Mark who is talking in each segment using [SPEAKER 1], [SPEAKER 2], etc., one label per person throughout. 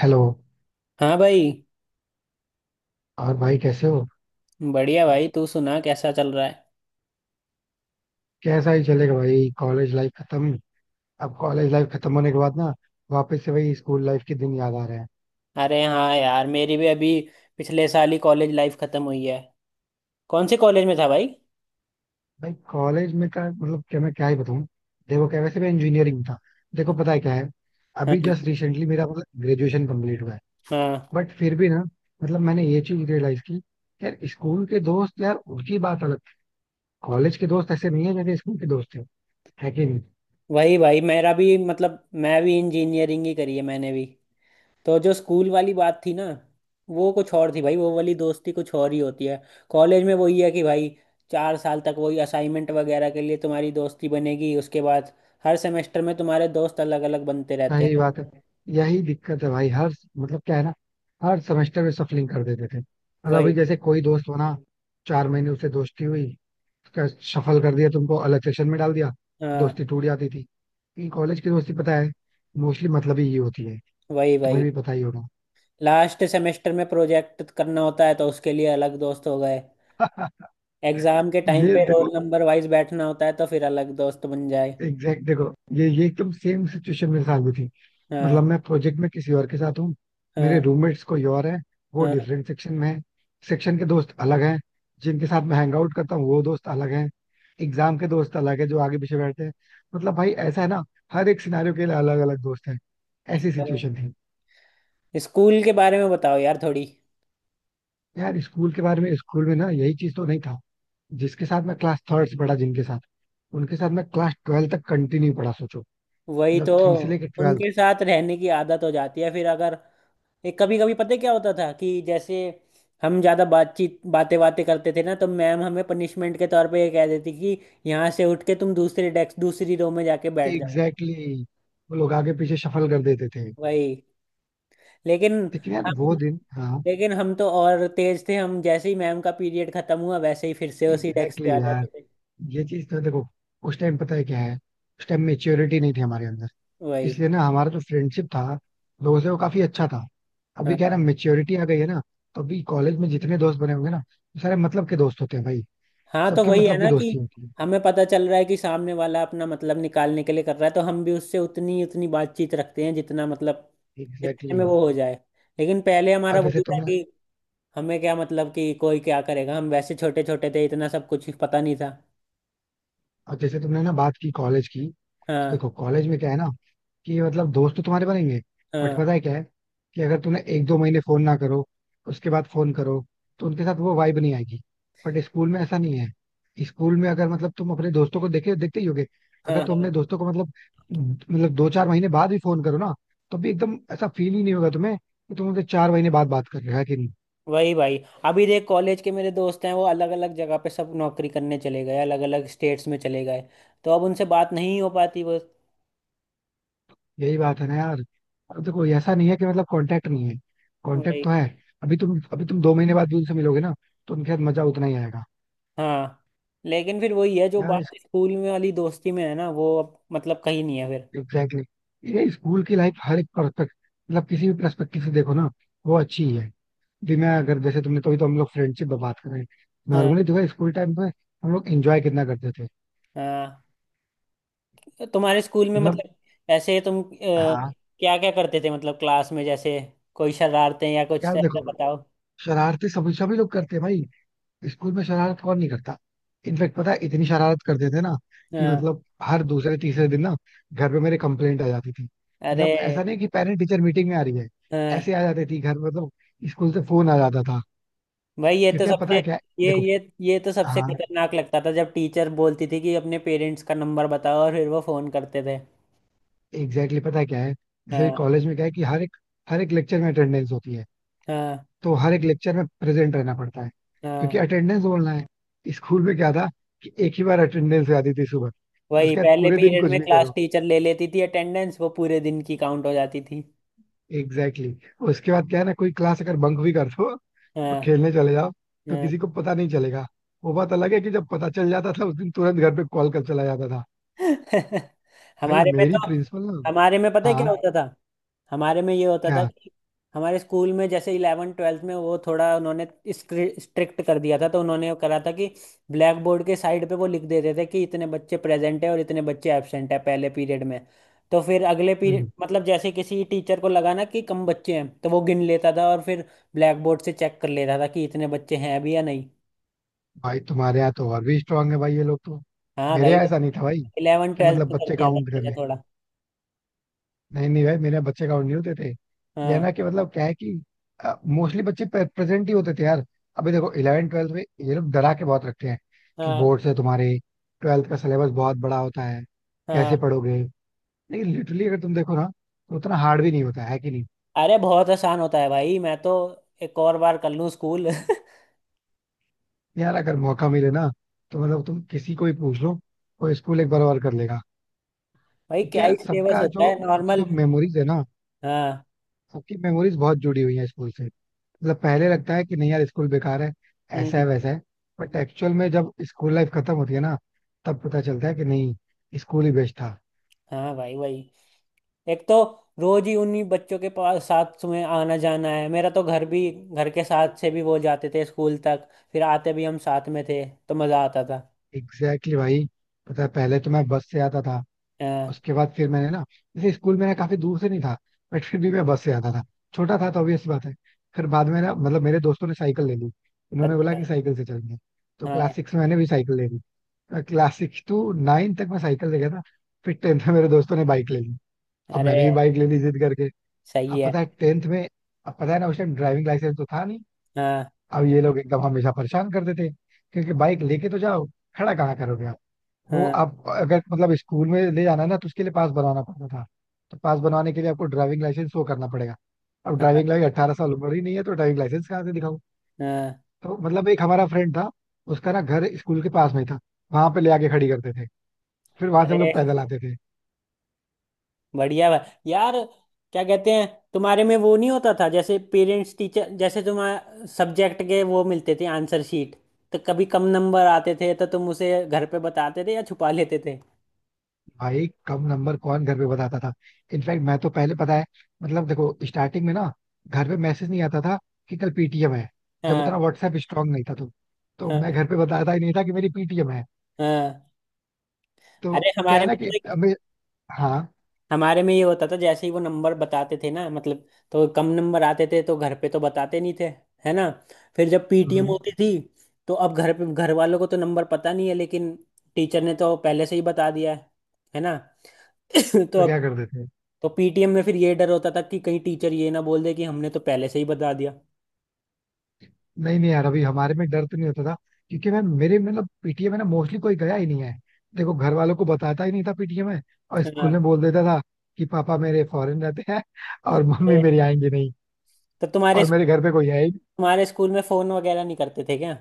[SPEAKER 1] Hello.
[SPEAKER 2] हाँ भाई।
[SPEAKER 1] और भाई कैसे हो?
[SPEAKER 2] बढ़िया भाई। तू सुना कैसा चल रहा है?
[SPEAKER 1] कैसा ही चलेगा भाई. कॉलेज लाइफ खत्म. अब कॉलेज लाइफ खत्म होने के बाद ना, वापस से वही स्कूल लाइफ के दिन याद आ रहे हैं.
[SPEAKER 2] अरे हाँ यार मेरी भी अभी पिछले साल ही कॉलेज लाइफ खत्म हुई है। कौन से कॉलेज में था भाई?
[SPEAKER 1] भाई कॉलेज में का मतलब, क्या मैं क्या ही बताऊं. देखो क्या, वैसे मैं इंजीनियरिंग था. देखो पता है क्या है,
[SPEAKER 2] हाँ।
[SPEAKER 1] अभी जस्ट रिसेंटली मेरा मतलब ग्रेजुएशन कंप्लीट हुआ है.
[SPEAKER 2] हाँ।
[SPEAKER 1] बट फिर भी ना, मतलब मैंने ये चीज रियलाइज की. यार स्कूल के दोस्त, यार उनकी बात अलग थी. कॉलेज के दोस्त ऐसे नहीं है जैसे स्कूल के दोस्त थे. है कि नहीं?
[SPEAKER 2] वही भाई मेरा भी मतलब मैं भी इंजीनियरिंग ही करी है मैंने भी। तो जो स्कूल वाली बात थी ना वो कुछ और थी भाई। वो वाली दोस्ती कुछ और ही होती है। कॉलेज में वही है कि भाई चार साल तक वही असाइनमेंट वगैरह के लिए तुम्हारी दोस्ती बनेगी। उसके बाद हर सेमेस्टर में तुम्हारे दोस्त अलग अलग बनते रहते हैं।
[SPEAKER 1] सही बात है. यही दिक्कत है भाई. हर मतलब क्या है ना, हर सेमेस्टर में सफलिंग कर देते थे. मतलब अभी
[SPEAKER 2] वही।
[SPEAKER 1] जैसे कोई दोस्त बना, 4 महीने उससे दोस्ती हुई, उसका सफल कर दिया, तुमको अलग सेक्शन में डाल दिया.
[SPEAKER 2] हाँ।
[SPEAKER 1] दोस्ती टूट जाती थी. इन कॉलेज की दोस्ती पता है, मोस्टली मतलब ही ये होती है.
[SPEAKER 2] वही वही।
[SPEAKER 1] तुम्हें भी पता ही होगा.
[SPEAKER 2] लास्ट सेमेस्टर में प्रोजेक्ट करना होता है तो उसके लिए अलग दोस्त हो गए। एग्जाम के टाइम
[SPEAKER 1] ये
[SPEAKER 2] पे रोल
[SPEAKER 1] देखो
[SPEAKER 2] नंबर वाइज बैठना होता है तो फिर अलग दोस्त बन जाए।
[SPEAKER 1] एग्जैक्ट. देखो ये एकदम सेम सिचुएशन मेरे साथ भी थी.
[SPEAKER 2] हाँ।
[SPEAKER 1] मतलब मैं प्रोजेक्ट में किसी और के साथ हूँ. मेरे
[SPEAKER 2] हाँ।
[SPEAKER 1] रूममेट्स कोई और है, वो
[SPEAKER 2] हाँ।
[SPEAKER 1] डिफरेंट सेक्शन में है. सेक्शन के दोस्त अलग हैं. जिनके साथ मैं हैंग आउट करता हूँ वो दोस्त अलग हैं. एग्जाम के दोस्त अलग है जो आगे पीछे बैठते हैं. मतलब भाई ऐसा है ना, हर एक सिनारियों के लिए अलग अलग दोस्त हैं. ऐसी
[SPEAKER 2] अरे
[SPEAKER 1] सिचुएशन थी.
[SPEAKER 2] स्कूल के बारे में बताओ यार थोड़ी।
[SPEAKER 1] यार स्कूल के बारे में, स्कूल में ना यही चीज तो नहीं था. जिसके साथ मैं क्लास थर्ड से पढ़ा, जिनके साथ उनके साथ मैं क्लास 12 तक कंटिन्यू पढ़ा, सोचो.
[SPEAKER 2] वही तो।
[SPEAKER 1] मतलब थ्री से लेकर
[SPEAKER 2] उनके
[SPEAKER 1] ट्वेल्थ
[SPEAKER 2] साथ रहने की आदत हो जाती है फिर अगर एक कभी कभी पता है क्या होता था कि जैसे हम ज्यादा बातचीत बातें बातें करते थे ना तो मैम हमें पनिशमेंट के तौर पे ये कह देती कि यहाँ से उठ के तुम दूसरे डेस्क दूसरी रो में जाके बैठ जाओ।
[SPEAKER 1] एग्जैक्टली exactly, वो लोग आगे पीछे शफल कर देते थे.
[SPEAKER 2] वही। लेकिन
[SPEAKER 1] लेकिन यार वो
[SPEAKER 2] हम
[SPEAKER 1] दिन, हाँ.
[SPEAKER 2] लेकिन हम तो और तेज थे। हम जैसे ही मैम का पीरियड खत्म हुआ वैसे ही फिर से उसी डेस्क
[SPEAKER 1] एग्जैक्टली
[SPEAKER 2] पे आ
[SPEAKER 1] exactly यार,
[SPEAKER 2] जाते थे।
[SPEAKER 1] ये चीज तो देखो. उस टाइम पता है क्या है, उस टाइम मेच्योरिटी नहीं थी हमारे अंदर.
[SPEAKER 2] वही।
[SPEAKER 1] इसलिए ना हमारा जो फ्रेंडशिप था लोगों से, वो काफी अच्छा था. अभी क्या है ना,
[SPEAKER 2] हाँ।
[SPEAKER 1] मेच्योरिटी आ गई है ना. तो अभी कॉलेज में जितने दोस्त बने होंगे ना, वो सारे मतलब के दोस्त होते हैं भाई.
[SPEAKER 2] हाँ। तो
[SPEAKER 1] सबकी
[SPEAKER 2] वही है
[SPEAKER 1] मतलब की
[SPEAKER 2] ना कि
[SPEAKER 1] दोस्ती होती है.
[SPEAKER 2] हमें पता चल रहा है कि सामने वाला अपना मतलब निकालने के लिए कर रहा है तो हम भी उससे उतनी उतनी बातचीत रखते हैं जितना मतलब
[SPEAKER 1] एग्जैक्टली
[SPEAKER 2] जितने में
[SPEAKER 1] exactly.
[SPEAKER 2] वो हो जाए। लेकिन पहले हमारा
[SPEAKER 1] और जैसे
[SPEAKER 2] वही था
[SPEAKER 1] तुमने
[SPEAKER 2] कि हमें क्या मतलब कि कोई क्या करेगा। हम वैसे छोटे छोटे थे इतना सब कुछ पता नहीं था।
[SPEAKER 1] और जैसे तुमने ना बात की कॉलेज की. तो
[SPEAKER 2] हाँ।
[SPEAKER 1] देखो कॉलेज में क्या है ना, कि मतलब दोस्त तो तुम्हारे बनेंगे. बट
[SPEAKER 2] हाँ।
[SPEAKER 1] पता है क्या है, कि अगर तुमने एक दो महीने फोन ना करो, उसके बाद फोन करो, तो उनके साथ वो वाइब नहीं आएगी. बट स्कूल में ऐसा नहीं है. स्कूल में अगर मतलब तुम अपने दोस्तों को देखे देखते ही होगे.
[SPEAKER 2] हाँ।
[SPEAKER 1] अगर तुम
[SPEAKER 2] हाँ।
[SPEAKER 1] अपने दोस्तों को मतलब 2-4 महीने बाद भी फोन करो ना, तो भी एकदम ऐसा फील ही नहीं होगा तुम्हें कि तुम उनसे 4 महीने बाद बात कर रहे हो. है कि नहीं?
[SPEAKER 2] वही भाई अभी देख कॉलेज के मेरे दोस्त हैं वो अलग अलग जगह पे सब नौकरी करने चले गए। अलग अलग स्टेट्स में चले गए। तो अब उनसे बात नहीं हो पाती वो।
[SPEAKER 1] यही बात है ना यार. अब देखो ऐसा नहीं है कि मतलब कांटेक्ट नहीं है. कांटेक्ट
[SPEAKER 2] वही।
[SPEAKER 1] तो है. अभी तुम 2 महीने बाद भी उनसे मिलोगे ना, तो उनके साथ मजा उतना ही आएगा.
[SPEAKER 2] हाँ। लेकिन फिर वही है जो
[SPEAKER 1] यार
[SPEAKER 2] बात स्कूल में वाली दोस्ती में है ना वो अब मतलब कहीं नहीं है फिर।
[SPEAKER 1] Exactly exactly. ये स्कूल की लाइफ, हर एक पर्सपेक्ट मतलब किसी भी पर्सपेक्टिव से देखो ना, वो अच्छी ही है. भी मैं अगर जैसे तुमने तो हम लोग फ्रेंडशिप पे बात करें,
[SPEAKER 2] हाँ।
[SPEAKER 1] नॉर्मली जो है स्कूल टाइम पे, हम लोग एंजॉय कितना करते थे.
[SPEAKER 2] हाँ। तो तुम्हारे स्कूल में
[SPEAKER 1] मतलब.
[SPEAKER 2] मतलब ऐसे तुम
[SPEAKER 1] हाँ.
[SPEAKER 2] क्या क्या करते थे मतलब क्लास में जैसे कोई शरारतें या कुछ
[SPEAKER 1] यार
[SPEAKER 2] ऐसा
[SPEAKER 1] देखो,
[SPEAKER 2] बताओ।
[SPEAKER 1] शरारतें सभी सभी लोग करते हैं भाई. स्कूल में शरारत कौन नहीं करता. इनफेक्ट पता है इतनी शरारत करते थे ना, कि
[SPEAKER 2] हाँ।
[SPEAKER 1] मतलब हर दूसरे तीसरे दिन ना घर पे मेरे कंप्लेंट आ जाती थी. मतलब
[SPEAKER 2] अरे
[SPEAKER 1] ऐसा नहीं कि पेरेंट टीचर मीटिंग में आ रही है.
[SPEAKER 2] हाँ
[SPEAKER 1] ऐसे आ जाती थी घर, मतलब स्कूल से फोन आ जाता था.
[SPEAKER 2] भाई ये तो
[SPEAKER 1] क्योंकि अब पता
[SPEAKER 2] सबसे
[SPEAKER 1] है क्या है?
[SPEAKER 2] ये
[SPEAKER 1] देखो.
[SPEAKER 2] ये ये तो सबसे
[SPEAKER 1] हाँ.
[SPEAKER 2] खतरनाक लगता था जब टीचर बोलती थी कि अपने पेरेंट्स का नंबर बताओ और फिर वो फोन करते थे।
[SPEAKER 1] एग्जैक्टली exactly, पता है क्या है, जैसे
[SPEAKER 2] हाँ।
[SPEAKER 1] कॉलेज में क्या है कि हर एक लेक्चर में अटेंडेंस होती है.
[SPEAKER 2] हाँ।
[SPEAKER 1] तो हर एक लेक्चर में प्रेजेंट रहना पड़ता है क्योंकि
[SPEAKER 2] हाँ
[SPEAKER 1] अटेंडेंस बोलना है. स्कूल में क्या था कि एक ही बार अटेंडेंस आती थी सुबह.
[SPEAKER 2] वही
[SPEAKER 1] उसके बाद
[SPEAKER 2] पहले
[SPEAKER 1] पूरे दिन
[SPEAKER 2] पीरियड
[SPEAKER 1] कुछ
[SPEAKER 2] में
[SPEAKER 1] भी
[SPEAKER 2] क्लास
[SPEAKER 1] करो.
[SPEAKER 2] टीचर ले लेती थी अटेंडेंस। वो पूरे दिन की काउंट हो जाती थी।
[SPEAKER 1] Exactly exactly. उसके बाद क्या है ना, कोई क्लास अगर बंक भी कर दो,
[SPEAKER 2] हाँ।
[SPEAKER 1] खेलने चले जाओ, तो
[SPEAKER 2] हाँ।
[SPEAKER 1] किसी को पता नहीं चलेगा. वो बात अलग है कि जब पता चल जाता था उस दिन तुरंत घर पे कॉल कर चला जाता था. भाई
[SPEAKER 2] हमारे में
[SPEAKER 1] मेरी
[SPEAKER 2] तो
[SPEAKER 1] प्रिंसिपल ना.
[SPEAKER 2] हमारे में पता है
[SPEAKER 1] हाँ.
[SPEAKER 2] क्या होता था। हमारे में ये होता था
[SPEAKER 1] क्या.
[SPEAKER 2] कि हमारे स्कूल में जैसे इलेवन ट्वेल्थ में वो थोड़ा उन्होंने स्ट्रिक्ट कर दिया था तो उन्होंने करा था कि ब्लैक बोर्ड के साइड पे वो लिख देते थे कि इतने बच्चे प्रेजेंट है और इतने बच्चे एब्सेंट है पहले पीरियड में। तो फिर अगले पीरियड
[SPEAKER 1] हम्म.
[SPEAKER 2] मतलब जैसे किसी टीचर को लगा ना कि कम बच्चे हैं तो वो गिन लेता था और फिर ब्लैक बोर्ड से चेक कर लेता था कि इतने बच्चे हैं भी या नहीं।
[SPEAKER 1] भाई तुम्हारे यहाँ तो और भी स्ट्रांग है भाई, ये लोग तो.
[SPEAKER 2] हाँ
[SPEAKER 1] मेरे
[SPEAKER 2] भाई
[SPEAKER 1] यहाँ
[SPEAKER 2] वो
[SPEAKER 1] ऐसा नहीं था भाई,
[SPEAKER 2] इलेवन
[SPEAKER 1] कि
[SPEAKER 2] ट्वेल्थ
[SPEAKER 1] मतलब
[SPEAKER 2] में कर
[SPEAKER 1] बच्चे
[SPEAKER 2] दिया था
[SPEAKER 1] काउंट
[SPEAKER 2] मैंने
[SPEAKER 1] करें.
[SPEAKER 2] थोड़ा।
[SPEAKER 1] नहीं नहीं भाई, मेरे यहाँ बच्चे काउंट नहीं होते थे. ये है
[SPEAKER 2] हाँ।
[SPEAKER 1] ना, कि मतलब क्या है कि मोस्टली बच्चे प्रेजेंट ही होते थे यार. अभी देखो 11वीं 12वीं में ये लोग डरा के बहुत रखते हैं, कि
[SPEAKER 2] हाँ।
[SPEAKER 1] बोर्ड से तुम्हारे 12वीं का सिलेबस बहुत बड़ा होता है,
[SPEAKER 2] हाँ।
[SPEAKER 1] कैसे पढ़ोगे. लेकिन लिटरली अगर तुम देखो ना, तो उतना हार्ड भी नहीं होता है, कि नहीं.
[SPEAKER 2] अरे बहुत आसान होता है भाई मैं तो एक और बार कर लूँ स्कूल।
[SPEAKER 1] यार अगर मौका मिले ना, तो मतलब तुम किसी को भी पूछ लो, कोई स्कूल एक बार और कर लेगा.
[SPEAKER 2] भाई
[SPEAKER 1] क्योंकि
[SPEAKER 2] क्या ही
[SPEAKER 1] यार
[SPEAKER 2] सिलेबस
[SPEAKER 1] सबका
[SPEAKER 2] होता
[SPEAKER 1] जो
[SPEAKER 2] है
[SPEAKER 1] सबकी
[SPEAKER 2] नॉर्मल।
[SPEAKER 1] जो मेमोरीज है ना,
[SPEAKER 2] हाँ।
[SPEAKER 1] सबकी मेमोरीज बहुत जुड़ी हुई है स्कूल से. मतलब पहले लगता है कि नहीं यार, स्कूल बेकार है, ऐसा है
[SPEAKER 2] हम्म।
[SPEAKER 1] वैसा है. बट एक्चुअल में जब स्कूल लाइफ खत्म होती है ना, तब पता चलता है कि नहीं, स्कूल ही बेस्ट था.
[SPEAKER 2] हाँ भाई भाई एक तो रोज ही उन्हीं बच्चों के पास साथ में आना जाना है। मेरा तो घर भी घर के साथ से भी वो जाते थे स्कूल तक। फिर आते भी हम साथ में थे तो मजा आता था।
[SPEAKER 1] एग्जैक्टली exactly भाई. पता है पहले तो मैं बस से आता था.
[SPEAKER 2] हाँ।
[SPEAKER 1] उसके बाद फिर मैंने ना, जैसे स्कूल मेरा काफी दूर से नहीं था, बट फिर भी मैं बस से आता था. छोटा था तो ऑब्वियस बात है. फिर बाद में ना, मतलब मेरे दोस्तों ने साइकिल ले ली, इन्होंने बोला
[SPEAKER 2] अच्छा।
[SPEAKER 1] कि साइकिल से चलेंगे. तो
[SPEAKER 2] हाँ।
[SPEAKER 1] क्लास 6 में मैंने भी साइकिल ले ली. क्लास 6 से 9 तक मैं साइकिल ले गया था. फिर 10वीं में मेरे दोस्तों ने बाइक ले ली, अब
[SPEAKER 2] अरे
[SPEAKER 1] मैंने भी बाइक ले ली जिद करके.
[SPEAKER 2] सही
[SPEAKER 1] अब
[SPEAKER 2] है।
[SPEAKER 1] पता है 10वीं में, अब पता है ना उस टाइम ड्राइविंग लाइसेंस तो था नहीं.
[SPEAKER 2] हाँ।
[SPEAKER 1] अब ये लोग एकदम हमेशा परेशान करते थे, क्योंकि बाइक लेके तो जाओ, खड़ा कहाँ करोगे आप. वो
[SPEAKER 2] हाँ।
[SPEAKER 1] आप अगर मतलब स्कूल में ले जाना है ना, तो उसके लिए पास बनवाना पड़ता था. तो पास बनवाने के लिए आपको ड्राइविंग लाइसेंस शो करना पड़ेगा. अब
[SPEAKER 2] हाँ।
[SPEAKER 1] ड्राइविंग लाइसेंस 18 साल उम्र ही नहीं है, तो ड्राइविंग लाइसेंस कहाँ से दिखाऊं.
[SPEAKER 2] हाँ।
[SPEAKER 1] तो मतलब एक हमारा फ्रेंड था, उसका ना घर स्कूल के पास में ही था, वहां पे ले आके खड़ी करते थे, फिर वहां से हम
[SPEAKER 2] अरे
[SPEAKER 1] लोग पैदल आते थे.
[SPEAKER 2] बढ़िया बा यार क्या कहते हैं तुम्हारे में वो नहीं होता था जैसे पेरेंट्स टीचर जैसे तुम्हारे सब्जेक्ट के वो मिलते थे आंसर शीट तो कभी कम नंबर आते थे तो तुम उसे घर पे बताते थे या छुपा लेते थे?
[SPEAKER 1] भाई कम नंबर कौन घर पे बताता था. इनफैक्ट मैं तो पहले पता है, मतलब देखो स्टार्टिंग में ना, घर पे मैसेज नहीं आता था कि कल पीटीएम है. जब
[SPEAKER 2] हाँ।
[SPEAKER 1] उतना व्हाट्सएप स्ट्रांग नहीं था तो मैं
[SPEAKER 2] हाँ।
[SPEAKER 1] घर पे बताता ही नहीं था कि मेरी पीटीएम है.
[SPEAKER 2] हाँ।
[SPEAKER 1] तो
[SPEAKER 2] अरे
[SPEAKER 1] क्या है ना कि हमें. हाँ.
[SPEAKER 2] हमारे में ये होता था जैसे ही वो नंबर बताते थे ना मतलब तो कम नंबर आते थे तो घर पे तो बताते नहीं थे। है ना? फिर जब पीटीएम
[SPEAKER 1] हम्म.
[SPEAKER 2] होती थी तो अब घर पे घर वालों को तो नंबर पता नहीं है लेकिन टीचर ने तो पहले से ही बता दिया है। है ना? तो
[SPEAKER 1] तो
[SPEAKER 2] अब
[SPEAKER 1] क्या कर देते हैं.
[SPEAKER 2] तो पीटीएम में फिर ये डर होता था कि कहीं टीचर ये ना बोल दे कि हमने तो पहले से ही बता दिया।
[SPEAKER 1] नहीं नहीं यार अभी हमारे में डर तो नहीं होता था, क्योंकि मैं मेरे मतलब पीटीएम है ना, मोस्टली कोई गया ही नहीं है. देखो घर वालों को बताता ही नहीं था पीटीएम है. और
[SPEAKER 2] है ना?
[SPEAKER 1] स्कूल में बोल देता था कि पापा मेरे फॉरेन रहते हैं, और मम्मी
[SPEAKER 2] अरे,
[SPEAKER 1] मेरी आएंगी नहीं,
[SPEAKER 2] तो तुम्हारे
[SPEAKER 1] और मेरे घर पे कोई है.
[SPEAKER 2] तुम्हारे स्कूल में फोन वगैरह नहीं करते थे क्या?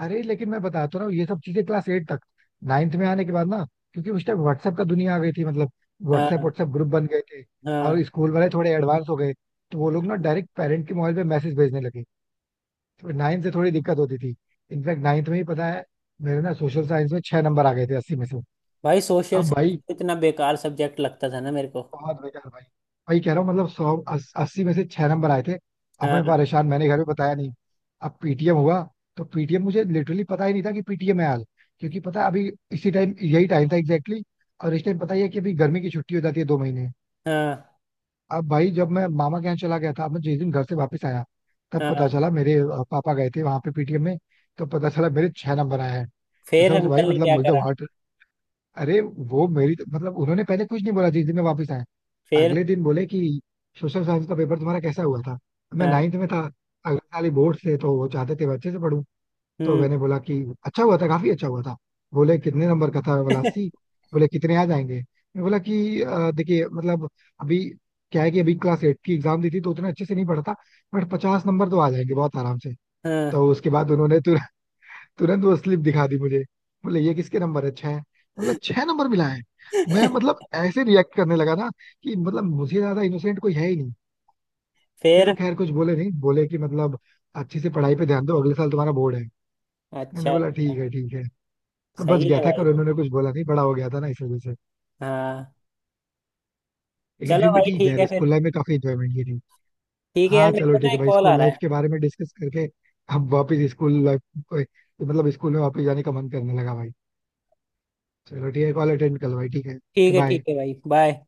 [SPEAKER 1] अरे लेकिन मैं बताता हूँ ना, ये सब चीजें क्लास 8 तक. नाइन्थ में आने के बाद ना, क्योंकि उस टाइम व्हाट्सएप का दुनिया आ गई थी, मतलब व्हाट्सएप
[SPEAKER 2] हाँ।
[SPEAKER 1] व्हाट्सएप ग्रुप बन गए थे.
[SPEAKER 2] हाँ।
[SPEAKER 1] और स्कूल वाले थोड़े एडवांस हो गए, तो वो लोग ना डायरेक्ट पेरेंट के मोबाइल पे मैसेज भेजने लगे. तो 9वीं से थोड़ी दिक्कत होती थी. इनफैक्ट 9वीं में ही पता है, मेरे ना सोशल साइंस में 6 नंबर आ गए थे 80 में से.
[SPEAKER 2] भाई सोशल
[SPEAKER 1] अब
[SPEAKER 2] साइंस
[SPEAKER 1] भाई,
[SPEAKER 2] इतना बेकार सब्जेक्ट लगता था ना मेरे को।
[SPEAKER 1] बहुत बेकार भाई. वही कह रहा हूँ मतलब, 80 में से 6 नंबर आए थे. अब
[SPEAKER 2] हाँ।
[SPEAKER 1] मैं परेशान, मैंने घर में बताया नहीं. अब पीटीएम हुआ. तो पीटीएम मुझे लिटरली पता ही नहीं था कि पीटीएम है हाल. क्योंकि पता है अभी इसी टाइम यही टाइम था एग्जैक्टली exactly, और इस टाइम पता ही है कि अभी गर्मी की छुट्टी हो जाती है 2 महीने.
[SPEAKER 2] हाँ।
[SPEAKER 1] अब भाई जब मैं मामा के यहाँ चला गया था, अब मैं जिस दिन घर से वापस आया, तब पता
[SPEAKER 2] हाँ।
[SPEAKER 1] चला मेरे पापा गए थे वहां पे पीटीएम में. तो पता चला मेरे 6 नंबर आए हैं.
[SPEAKER 2] फिर
[SPEAKER 1] कसम से भाई
[SPEAKER 2] अंकल ने
[SPEAKER 1] मतलब
[SPEAKER 2] क्या
[SPEAKER 1] मुझे तो
[SPEAKER 2] करा?
[SPEAKER 1] हार्ट. अरे. वो मेरी तो मतलब, उन्होंने पहले कुछ नहीं बोला जिस दिन मैं वापस आया.
[SPEAKER 2] फिर।
[SPEAKER 1] अगले दिन बोले कि सोशल साइंस का पेपर तुम्हारा कैसा हुआ था. मैं
[SPEAKER 2] हाँ।
[SPEAKER 1] 9वीं में था, अगले साल ही बोर्ड से तो वो चाहते थे मैं अच्छे से पढूं. तो
[SPEAKER 2] हम्म।
[SPEAKER 1] मैंने बोला कि अच्छा हुआ था, काफी अच्छा हुआ था. बोले कितने नंबर का था. मैं बोला 80. बोले कितने आ जाएंगे. मैं बोला कि देखिए मतलब अभी क्या है कि अभी क्लास 8 की एग्जाम दी थी तो उतना अच्छे से नहीं पढ़ा था, बट 50 नंबर तो आ जाएंगे बहुत आराम से.
[SPEAKER 2] हाँ।
[SPEAKER 1] तो उसके बाद उन्होंने तो तुरंत वो स्लिप दिखा दी मुझे. बोले ये किसके नंबर है 6, मतलब 6 नंबर मिला है. मैं मतलब ऐसे रिएक्ट करने लगा ना, कि मतलब मुझे ज्यादा इनोसेंट कोई है ही नहीं. फिर वो
[SPEAKER 2] फिर
[SPEAKER 1] खैर कुछ बोले नहीं, बोले कि मतलब अच्छे से पढ़ाई पे ध्यान दो अगले साल तुम्हारा बोर्ड है.
[SPEAKER 2] अच्छा
[SPEAKER 1] मैंने बोला
[SPEAKER 2] अच्छा।
[SPEAKER 1] ठीक है ठीक है. तो बच
[SPEAKER 2] सही
[SPEAKER 1] गया
[SPEAKER 2] है
[SPEAKER 1] था,
[SPEAKER 2] भाई।
[SPEAKER 1] कल उन्होंने कुछ बोला नहीं, बड़ा हो गया था ना इस वजह से.
[SPEAKER 2] हाँ
[SPEAKER 1] लेकिन
[SPEAKER 2] चलो
[SPEAKER 1] फिर भी
[SPEAKER 2] भाई
[SPEAKER 1] ठीक है
[SPEAKER 2] ठीक
[SPEAKER 1] यार,
[SPEAKER 2] है
[SPEAKER 1] स्कूल
[SPEAKER 2] फिर।
[SPEAKER 1] लाइफ में काफी इंजॉयमेंट की थी.
[SPEAKER 2] ठीक है यार
[SPEAKER 1] हाँ
[SPEAKER 2] मेरे को
[SPEAKER 1] चलो
[SPEAKER 2] ना
[SPEAKER 1] ठीक है
[SPEAKER 2] एक
[SPEAKER 1] भाई,
[SPEAKER 2] कॉल आ
[SPEAKER 1] स्कूल
[SPEAKER 2] रहा
[SPEAKER 1] लाइफ
[SPEAKER 2] है।
[SPEAKER 1] के बारे में डिस्कस करके अब वापस स्कूल लाइफ, मतलब स्कूल में वापस जाने का मन करने लगा भाई. चलो ठीक है कॉल अटेंड कर लो भाई, ठीक है.
[SPEAKER 2] ठीक है ठीक
[SPEAKER 1] बाय.
[SPEAKER 2] है भाई। बाय।